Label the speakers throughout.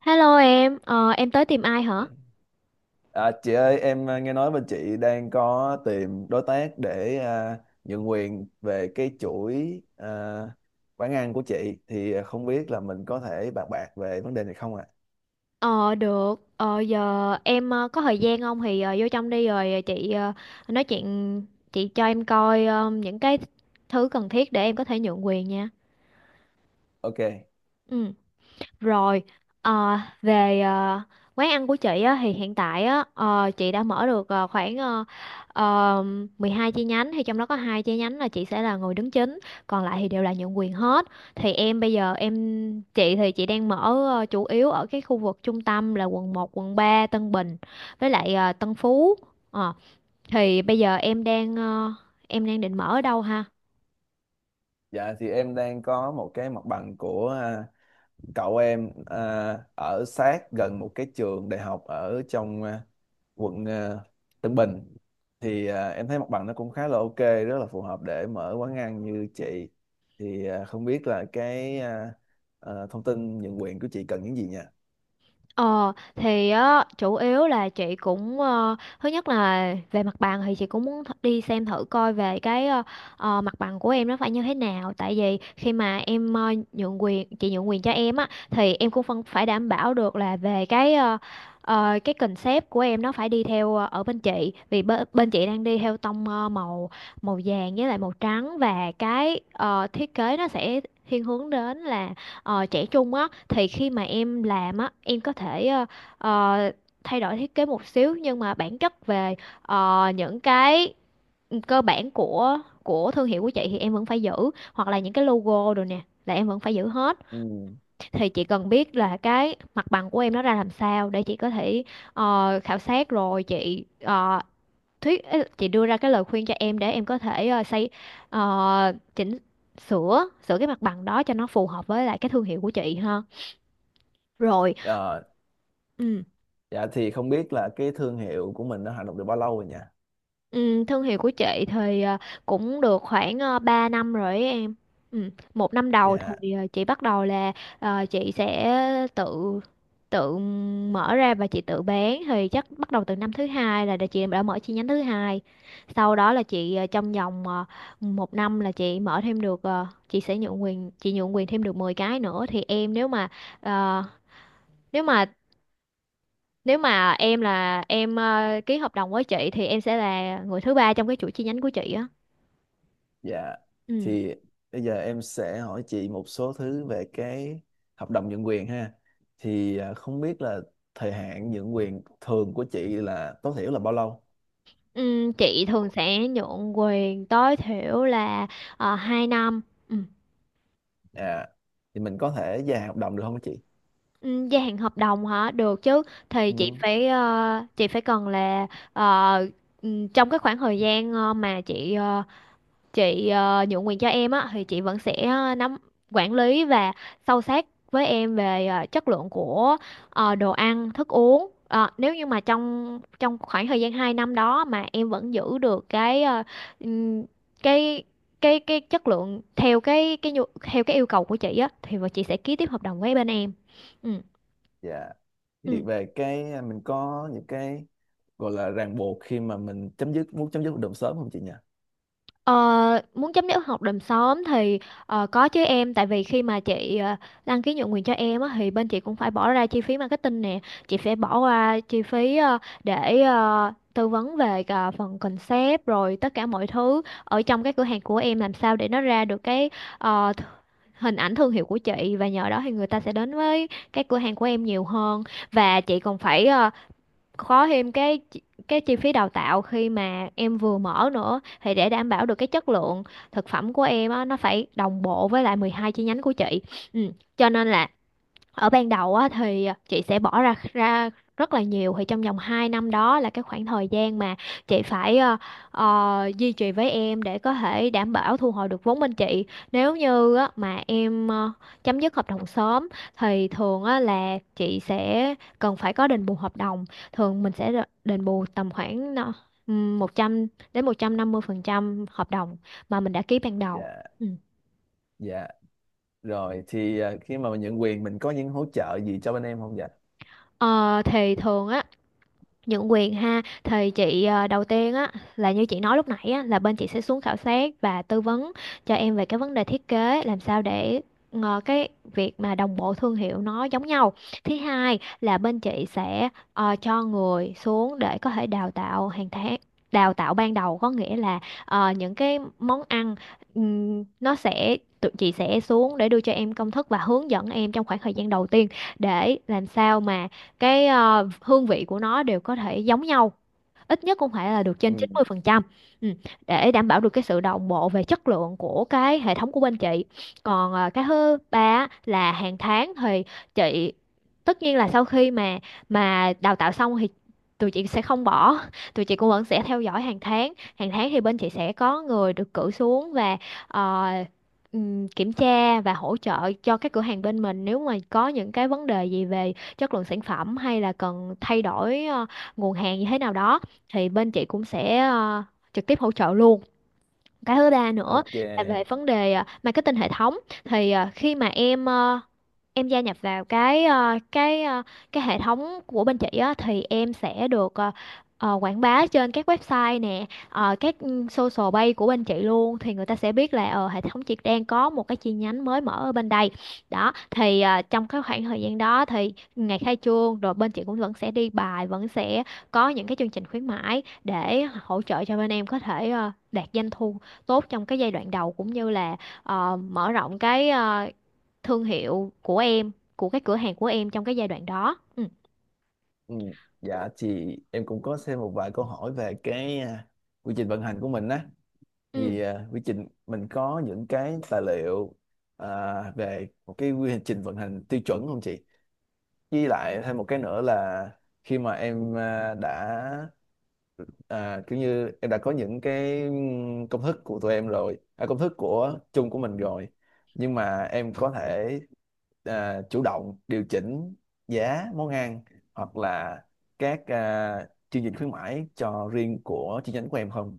Speaker 1: Hello em, em tới tìm ai hả?
Speaker 2: Chị ơi, nghe nói bên chị đang có tìm đối tác để nhượng quyền về cái chuỗi quán ăn của chị thì không biết là mình có thể bàn bạc về vấn đề này không ạ?
Speaker 1: Giờ em có thời gian không thì vô trong đi rồi chị nói chuyện, chị cho em coi những cái thứ cần thiết để em có thể nhượng quyền nha.
Speaker 2: Ok,
Speaker 1: Ừ. Rồi, ờ, về ờ, quán ăn của chị á, thì hiện tại á, chị đã mở được khoảng ờ, 12 chi nhánh thì trong đó có 2 chi nhánh là chị sẽ là người đứng chính, còn lại thì đều là nhượng quyền hết. Thì em bây giờ em Chị thì chị đang mở chủ yếu ở cái khu vực trung tâm là quận một quận 3 Tân Bình với lại Tân Phú. Ờ, thì bây giờ em đang định mở ở đâu ha?
Speaker 2: dạ thì em đang có một cái mặt bằng của cậu em ở sát gần một cái trường đại học ở trong quận Tân Bình thì em thấy mặt bằng nó cũng khá là ok, rất là phù hợp để mở quán ăn như chị, thì không biết là thông tin nhượng quyền của chị cần những gì nha.
Speaker 1: Ờ thì Á chủ yếu là chị cũng thứ nhất là về mặt bằng thì chị cũng muốn đi xem thử coi về cái mặt bằng của em nó phải như thế nào tại vì khi mà em ờ, nhượng quyền chị nhượng quyền cho em á thì em cũng phân phải đảm bảo được là về cái cái concept của em nó phải đi theo ở bên chị vì bên chị đang đi theo tông ờ, màu màu vàng với lại màu trắng và cái thiết kế nó sẽ thiên hướng đến là trẻ trung á thì khi mà em làm á em có thể ờ, thay đổi thiết kế một xíu nhưng mà bản chất về những cái cơ bản của thương hiệu của chị thì em vẫn phải giữ, hoặc là những cái logo rồi nè là em vẫn phải giữ hết.
Speaker 2: Ừ.
Speaker 1: Thì chị cần biết là cái mặt bằng của em nó ra làm sao để chị có thể khảo sát rồi chị ờ, thuyết ý là chị đưa ra cái lời khuyên cho em để em có thể chỉnh sửa sửa cái mặt bằng đó cho nó phù hợp với lại cái thương hiệu của chị ha. Rồi,
Speaker 2: Ờ,
Speaker 1: ừ,
Speaker 2: dạ thì không biết là cái thương hiệu của mình nó hoạt động được bao lâu rồi nha.
Speaker 1: ừ, thương hiệu của chị thì cũng được khoảng 3 năm rồi ấy em. Ừ, một năm đầu
Speaker 2: Dạ.
Speaker 1: thì chị bắt đầu là chị sẽ tự tự mở ra và chị tự bán thì chắc bắt đầu từ năm thứ hai là chị đã mở chi nhánh thứ hai. Sau đó là chị trong vòng một năm là chị mở thêm được chị sẽ nhượng quyền thêm được 10 cái nữa. Thì em nếu mà ờ, nếu mà Nếu mà em là em ký hợp đồng với chị thì em sẽ là người thứ ba trong cái chuỗi chi nhánh của chị á.
Speaker 2: Dạ
Speaker 1: Ừ.
Speaker 2: thì bây giờ em sẽ hỏi chị một số thứ về cái hợp đồng nhượng quyền ha, thì không biết là thời hạn nhượng quyền thường của chị là tối thiểu là bao lâu.
Speaker 1: Ừ, chị thường sẽ nhượng quyền tối thiểu là 2 năm. Ừ.
Speaker 2: Dạ thì mình có thể dài hợp đồng được không chị?
Speaker 1: Ừ, gia hạn hợp đồng hả? Được chứ. Thì chị
Speaker 2: Ừ.
Speaker 1: phải chị phải cần là ờ, trong cái khoảng thời gian mà chị nhượng quyền cho em á thì chị vẫn sẽ nắm quản lý và sâu sát với em về chất lượng của đồ ăn thức uống. Ờ, nếu như mà trong trong khoảng thời gian 2 năm đó mà em vẫn giữ được cái ừm, cái chất lượng theo theo cái yêu cầu của chị á thì vợ chị sẽ ký tiếp hợp đồng với bên em. Ừ.
Speaker 2: Dạ.
Speaker 1: Ừ.
Speaker 2: Thì về cái mình có những cái gọi là ràng buộc khi mà mình chấm dứt muốn chấm dứt hợp đồng sớm không chị nhỉ?
Speaker 1: Ờ, muốn chấm dứt hợp đồng sớm thì có chứ em, tại vì khi mà chị đăng ký nhượng quyền cho em á, thì bên chị cũng phải bỏ ra chi phí marketing nè, chị phải bỏ qua chi phí để tư vấn về cả phần concept rồi tất cả mọi thứ ở trong cái cửa hàng của em làm sao để nó ra được cái ờ, th- hình ảnh thương hiệu của chị, và nhờ đó thì người ta sẽ đến với cái cửa hàng của em nhiều hơn. Và chị còn phải có thêm cái chi phí đào tạo khi mà em vừa mở nữa, thì để đảm bảo được cái chất lượng thực phẩm của em á, nó phải đồng bộ với lại 12 chi nhánh của chị. Ừ. Cho nên là ở ban đầu á, thì à, chị sẽ bỏ ra ra rất là nhiều. Thì trong vòng 2 năm đó là cái khoảng thời gian mà chị phải duy trì với em để có thể đảm bảo thu hồi được vốn bên chị. Nếu như á, mà em chấm dứt hợp đồng sớm thì thường á, là chị sẽ cần phải có đền bù hợp đồng. Thường mình sẽ đền bù tầm khoảng 100 đến 150% hợp đồng mà mình đã ký ban đầu.
Speaker 2: Dạ.
Speaker 1: Ừ.
Speaker 2: Dạ. Rồi thì khi mà mình nhận quyền mình có những hỗ trợ gì cho bên em không dạ?
Speaker 1: Ờ, thì thường á nhượng quyền ha thì chị đầu tiên á là như chị nói lúc nãy á, là bên chị sẽ xuống khảo sát và tư vấn cho em về cái vấn đề thiết kế làm sao để cái việc mà đồng bộ thương hiệu nó giống nhau. Thứ hai là bên chị sẽ cho người xuống để có thể đào tạo hàng tháng. Đào tạo ban đầu có nghĩa là những cái món ăn, nó sẽ tụi chị sẽ xuống để đưa cho em công thức và hướng dẫn em trong khoảng thời gian đầu tiên để làm sao mà cái hương vị của nó đều có thể giống nhau, ít nhất cũng phải là được
Speaker 2: Ừ.
Speaker 1: trên 90%. Ừ, để đảm bảo được cái sự đồng bộ về chất lượng của cái hệ thống của bên chị. Còn à, cái thứ ba á, là hàng tháng thì chị, tất nhiên là sau khi mà đào tạo xong thì tụi chị sẽ không bỏ, tụi chị cũng vẫn sẽ theo dõi hàng tháng. Hàng tháng thì bên chị sẽ có người được cử xuống và ờ, kiểm tra và hỗ trợ cho các cửa hàng bên mình, nếu mà có những cái vấn đề gì về chất lượng sản phẩm hay là cần thay đổi nguồn hàng như thế nào đó thì bên chị cũng sẽ trực tiếp hỗ trợ luôn. Cái thứ ba nữa
Speaker 2: Ok.
Speaker 1: là về vấn đề marketing hệ thống, thì khi mà em gia nhập vào cái hệ thống của bên chị á thì em sẽ được quảng bá trên các website nè, các social page của bên chị luôn, thì người ta sẽ biết là hệ thống chị đang có một cái chi nhánh mới mở ở bên đây. Đó, thì trong cái khoảng thời gian đó thì ngày khai trương rồi bên chị cũng vẫn sẽ đi bài, vẫn sẽ có những cái chương trình khuyến mãi để hỗ trợ cho bên em có thể đạt doanh thu tốt trong cái giai đoạn đầu, cũng như là mở rộng cái thương hiệu của em, của cái cửa hàng của em trong cái giai đoạn đó. Ừ.
Speaker 2: Ừ. Dạ chị, em cũng có xem một vài câu hỏi về cái quy trình vận hành của mình á.
Speaker 1: Ừ.
Speaker 2: Thì quy trình mình có những cái tài liệu à, về một cái quy trình vận hành tiêu chuẩn không chị? Với lại thêm một cái nữa là khi mà em đã kiểu như em đã có những cái công thức của tụi em rồi, công thức của chung của mình rồi, nhưng mà em có thể chủ động điều chỉnh giá món ăn hoặc là các chương trình khuyến mãi cho riêng của chi nhánh của em không?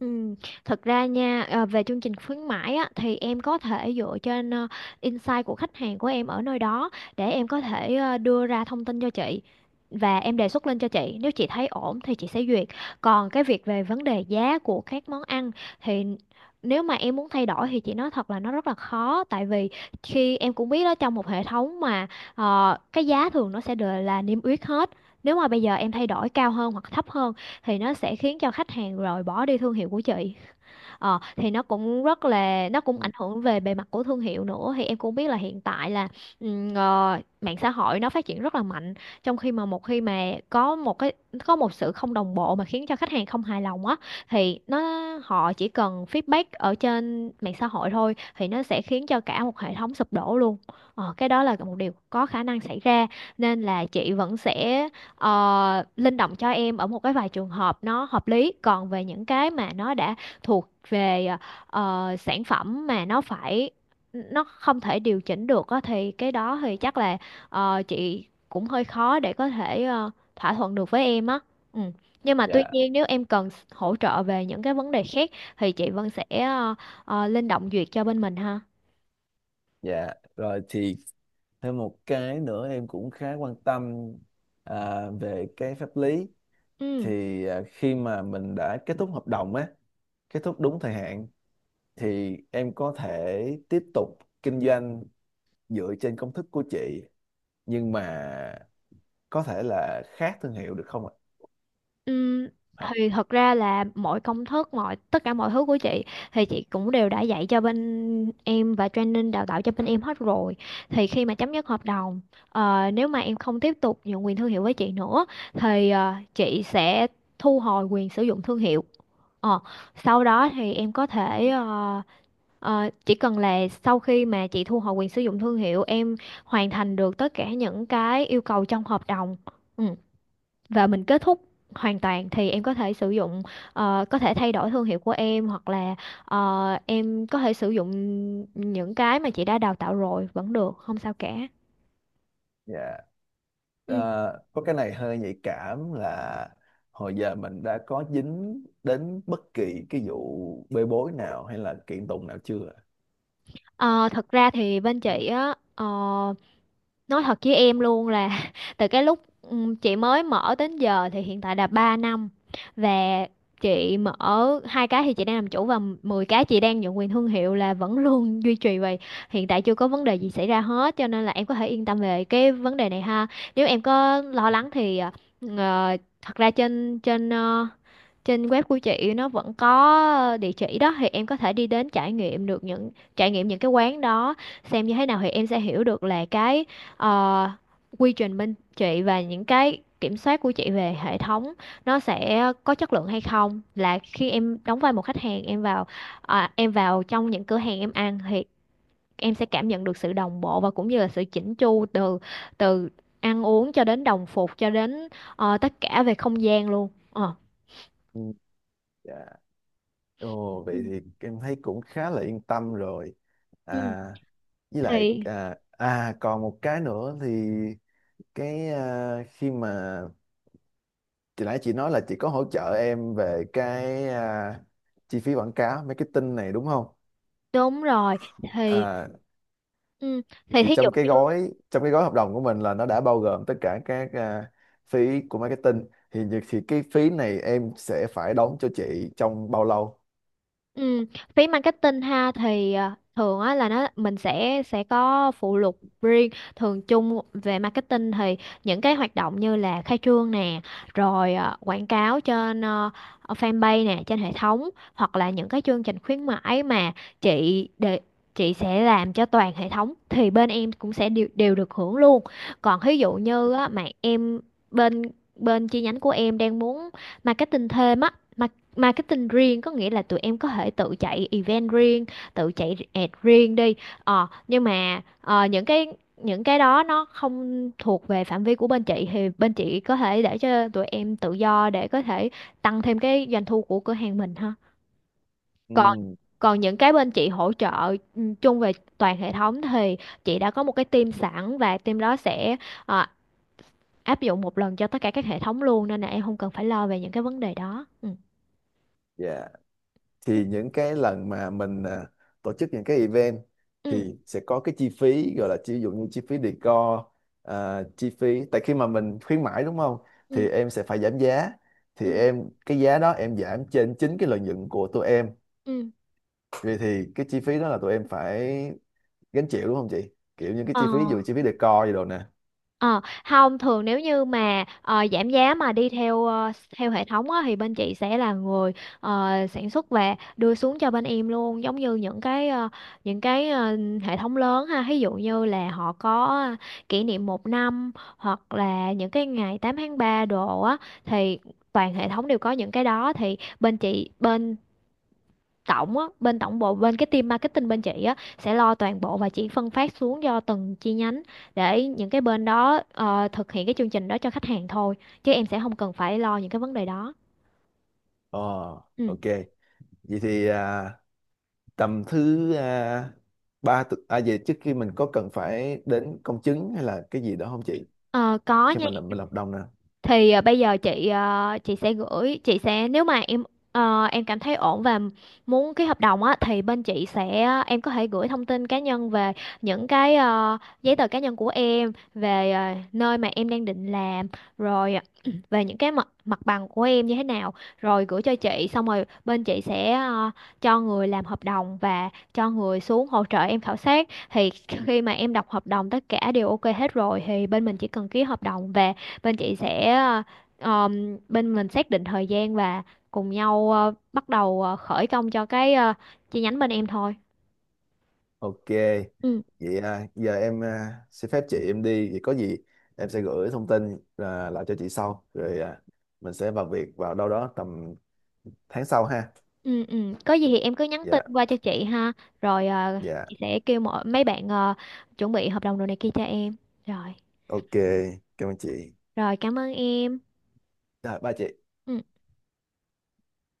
Speaker 1: Ừ. Thật ra nha, về chương trình khuyến mãi á, thì em có thể dựa trên insight của khách hàng của em ở nơi đó để em có thể đưa ra thông tin cho chị và em đề xuất lên cho chị, nếu chị thấy ổn thì chị sẽ duyệt. Còn cái việc về vấn đề giá của các món ăn thì nếu mà em muốn thay đổi thì chị nói thật là nó rất là khó, tại vì khi em cũng biết đó, trong một hệ thống mà cái giá thường nó sẽ đều là niêm yết hết, nếu mà bây giờ em thay đổi cao hơn hoặc thấp hơn thì nó sẽ khiến cho khách hàng rồi bỏ đi thương hiệu của chị. Ờ, thì nó cũng rất là nó cũng ảnh
Speaker 2: Ừ.
Speaker 1: hưởng về bề mặt của thương hiệu nữa, thì em cũng biết là hiện tại là mạng xã hội nó phát triển rất là mạnh, trong khi mà một khi mà có một sự không đồng bộ mà khiến cho khách hàng không hài lòng á thì nó, họ chỉ cần feedback ở trên mạng xã hội thôi thì nó sẽ khiến cho cả một hệ thống sụp đổ luôn. Ờ, cái đó là một điều có khả năng xảy ra, nên là chị vẫn sẽ linh động cho em ở một cái vài trường hợp nó hợp lý. Còn về những cái mà nó đã thuộc về sản phẩm mà nó phải, nó không thể điều chỉnh được á thì cái đó thì chắc là chị cũng hơi khó để có thể thỏa thuận được với em á. Ừ. Nhưng mà tuy
Speaker 2: Dạ.
Speaker 1: nhiên, nếu em cần hỗ trợ về những cái vấn đề khác thì chị vẫn sẽ linh động duyệt cho bên mình ha.
Speaker 2: Dạ rồi thì thêm một cái nữa em cũng khá quan tâm về cái pháp lý,
Speaker 1: Ừ.
Speaker 2: thì khi mà mình đã kết thúc hợp đồng á, kết thúc đúng thời hạn, thì em có thể tiếp tục kinh doanh dựa trên công thức của chị nhưng mà có thể là khác thương hiệu được không ạ?
Speaker 1: Ừm,
Speaker 2: Hả?
Speaker 1: thì thật ra là mọi công thức, mọi tất cả mọi thứ của chị thì chị cũng đều đã dạy cho bên em và training đào tạo cho bên em hết rồi. Thì khi mà chấm dứt hợp đồng, nếu mà em không tiếp tục nhượng quyền thương hiệu với chị nữa thì chị sẽ thu hồi quyền sử dụng thương hiệu. Ờ, Sau đó thì em có thể chỉ cần là sau khi mà chị thu hồi quyền sử dụng thương hiệu, em hoàn thành được tất cả những cái yêu cầu trong hợp đồng, Ừ, và mình kết thúc hoàn toàn thì em có thể sử dụng, có thể thay đổi thương hiệu của em, hoặc là em có thể sử dụng những cái mà chị đã đào tạo rồi vẫn được, không sao cả.
Speaker 2: Dạ. Ờ,
Speaker 1: Ừ.
Speaker 2: có cái này hơi nhạy cảm là hồi giờ mình đã có dính đến bất kỳ cái vụ bê bối nào hay là kiện tụng nào chưa ạ?
Speaker 1: Ờ, thật ra thì bên chị á, nói thật với em luôn là từ cái lúc chị mới mở đến giờ thì hiện tại là 3 năm, và chị mở 2 cái thì chị đang làm chủ, và 10 cái chị đang nhận quyền thương hiệu là vẫn luôn duy trì vậy. Hiện tại chưa có vấn đề gì xảy ra hết, cho nên là em có thể yên tâm về cái vấn đề này ha. Nếu em có lo lắng thì thật ra trên trên trên web của chị nó vẫn có địa chỉ đó, thì em có thể đi đến trải nghiệm được những trải nghiệm những cái quán đó, xem như thế nào thì em sẽ hiểu được là cái ờ, quy trình bên chị và những cái kiểm soát của chị về hệ thống nó sẽ có chất lượng hay không. Là khi em đóng vai một khách hàng em vào, à, em vào trong những cửa hàng em ăn thì em sẽ cảm nhận được sự đồng bộ và cũng như là sự chỉnh chu từ từ ăn uống cho đến đồng phục, cho đến tất cả về không gian luôn. Ờ.
Speaker 2: Ừ. Dạ. Ồ, vậy
Speaker 1: Ừ.
Speaker 2: thì em thấy cũng khá là yên tâm rồi.
Speaker 1: Ừ.
Speaker 2: À, với lại
Speaker 1: Thì
Speaker 2: còn một cái nữa thì cái khi mà chị nói là chị có hỗ trợ em về cái chi phí quảng cáo marketing này đúng không?
Speaker 1: đúng rồi, thì
Speaker 2: à,
Speaker 1: ừ, thì
Speaker 2: thì
Speaker 1: thí dụ
Speaker 2: trong cái
Speaker 1: như
Speaker 2: gói trong cái gói hợp đồng của mình là nó đã bao gồm tất cả các phí của marketing thì cái phí này em sẽ phải đóng cho chị trong bao lâu?
Speaker 1: Ừ, phí marketing ha, thì à, thường á là nó mình sẽ có phụ lục riêng, thường chung về marketing thì những cái hoạt động như là khai trương nè, rồi à, quảng cáo trên fanpage nè, trên hệ thống, hoặc là những cái chương trình khuyến mãi mà chị để, chị sẽ làm cho toàn hệ thống thì bên em cũng sẽ đều được hưởng luôn. Còn ví dụ như á, mà em bên bên chi nhánh của em đang muốn marketing thêm á, marketing riêng, có nghĩa là tụi em có thể tự chạy event riêng, tự chạy ad riêng đi. Ờ, nhưng mà những cái đó nó không thuộc về phạm vi của bên chị thì bên chị có thể để cho tụi em tự do để có thể tăng thêm cái doanh thu của cửa hàng mình ha. còn
Speaker 2: Ừ.
Speaker 1: còn những cái bên chị hỗ trợ ừ, chung về toàn hệ thống thì chị đã có một cái team sẵn, và team đó sẽ ờ, áp dụng một lần cho tất cả các hệ thống luôn, nên là em không cần phải lo về những cái vấn đề đó. Ừ.
Speaker 2: Dạ thì những cái lần mà mình tổ chức những cái event
Speaker 1: Ừ.
Speaker 2: thì sẽ có cái chi phí gọi là ví dụ như chi phí decor, chi phí tại khi mà mình khuyến mãi đúng không?
Speaker 1: Ừ.
Speaker 2: Thì em sẽ phải giảm giá, thì
Speaker 1: Ừ.
Speaker 2: em cái giá đó em giảm trên chính cái lợi nhuận của tụi em,
Speaker 1: Ừ.
Speaker 2: vì thì cái chi phí đó là tụi em phải gánh chịu đúng không chị, kiểu những cái
Speaker 1: Ờ,
Speaker 2: chi phí ví dụ chi phí decor gì đồ nè.
Speaker 1: ờ, không, thường nếu như mà giảm giá mà đi theo theo hệ thống á, thì bên chị sẽ là người sản xuất và đưa xuống cho bên em luôn, giống như những cái những cái hệ thống lớn ha, ví dụ như là họ có kỷ niệm 1 năm, hoặc là những cái ngày 8/3 đồ á thì toàn hệ thống đều có những cái đó, thì bên chị bên tổng á, bên tổng bộ, bên cái team marketing bên chị á sẽ lo toàn bộ, và chỉ phân phát xuống cho từng chi nhánh để những cái bên đó thực hiện cái chương trình đó cho khách hàng thôi, chứ em sẽ không cần phải lo những cái vấn đề đó.
Speaker 2: Ờ,
Speaker 1: Ừ.
Speaker 2: ok. Vậy thì tầm thứ à, ba tu- à vậy trước khi mình có cần phải đến công chứng hay là cái gì đó không chị,
Speaker 1: Ờ, có
Speaker 2: khi
Speaker 1: nha.
Speaker 2: mà làm bên hợp đồng nè?
Speaker 1: Thì bây giờ chị, chị sẽ gửi, chị sẽ, nếu mà em em cảm thấy ổn và muốn ký hợp đồng á thì bên chị sẽ, em có thể gửi thông tin cá nhân về những cái giấy tờ cá nhân của em, về nơi mà em đang định làm, rồi về những cái mặt mặt bằng của em như thế nào, rồi gửi cho chị, xong rồi bên chị sẽ cho người làm hợp đồng và cho người xuống hỗ trợ em khảo sát. Thì khi mà em đọc hợp đồng tất cả đều ok hết rồi thì bên mình chỉ cần ký hợp đồng về, bên chị sẽ bên mình xác định thời gian và cùng nhau bắt đầu khởi công cho cái chi nhánh bên em thôi.
Speaker 2: Ok,
Speaker 1: Ừ.
Speaker 2: vậy giờ em xin phép chị em đi, vậy có gì em sẽ gửi thông tin lại cho chị sau, rồi mình sẽ vào việc vào đâu đó tầm tháng sau ha.
Speaker 1: Ừ, ừ, có gì thì em cứ nhắn
Speaker 2: Dạ.
Speaker 1: tin qua cho chị ha. Rồi,
Speaker 2: Dạ.
Speaker 1: chị sẽ kêu mọi mấy bạn chuẩn bị hợp đồng đồ này kia cho em, rồi.
Speaker 2: Ok, cảm ơn chị.
Speaker 1: Rồi, cảm ơn em.
Speaker 2: Rồi ba chị.
Speaker 1: Ừ.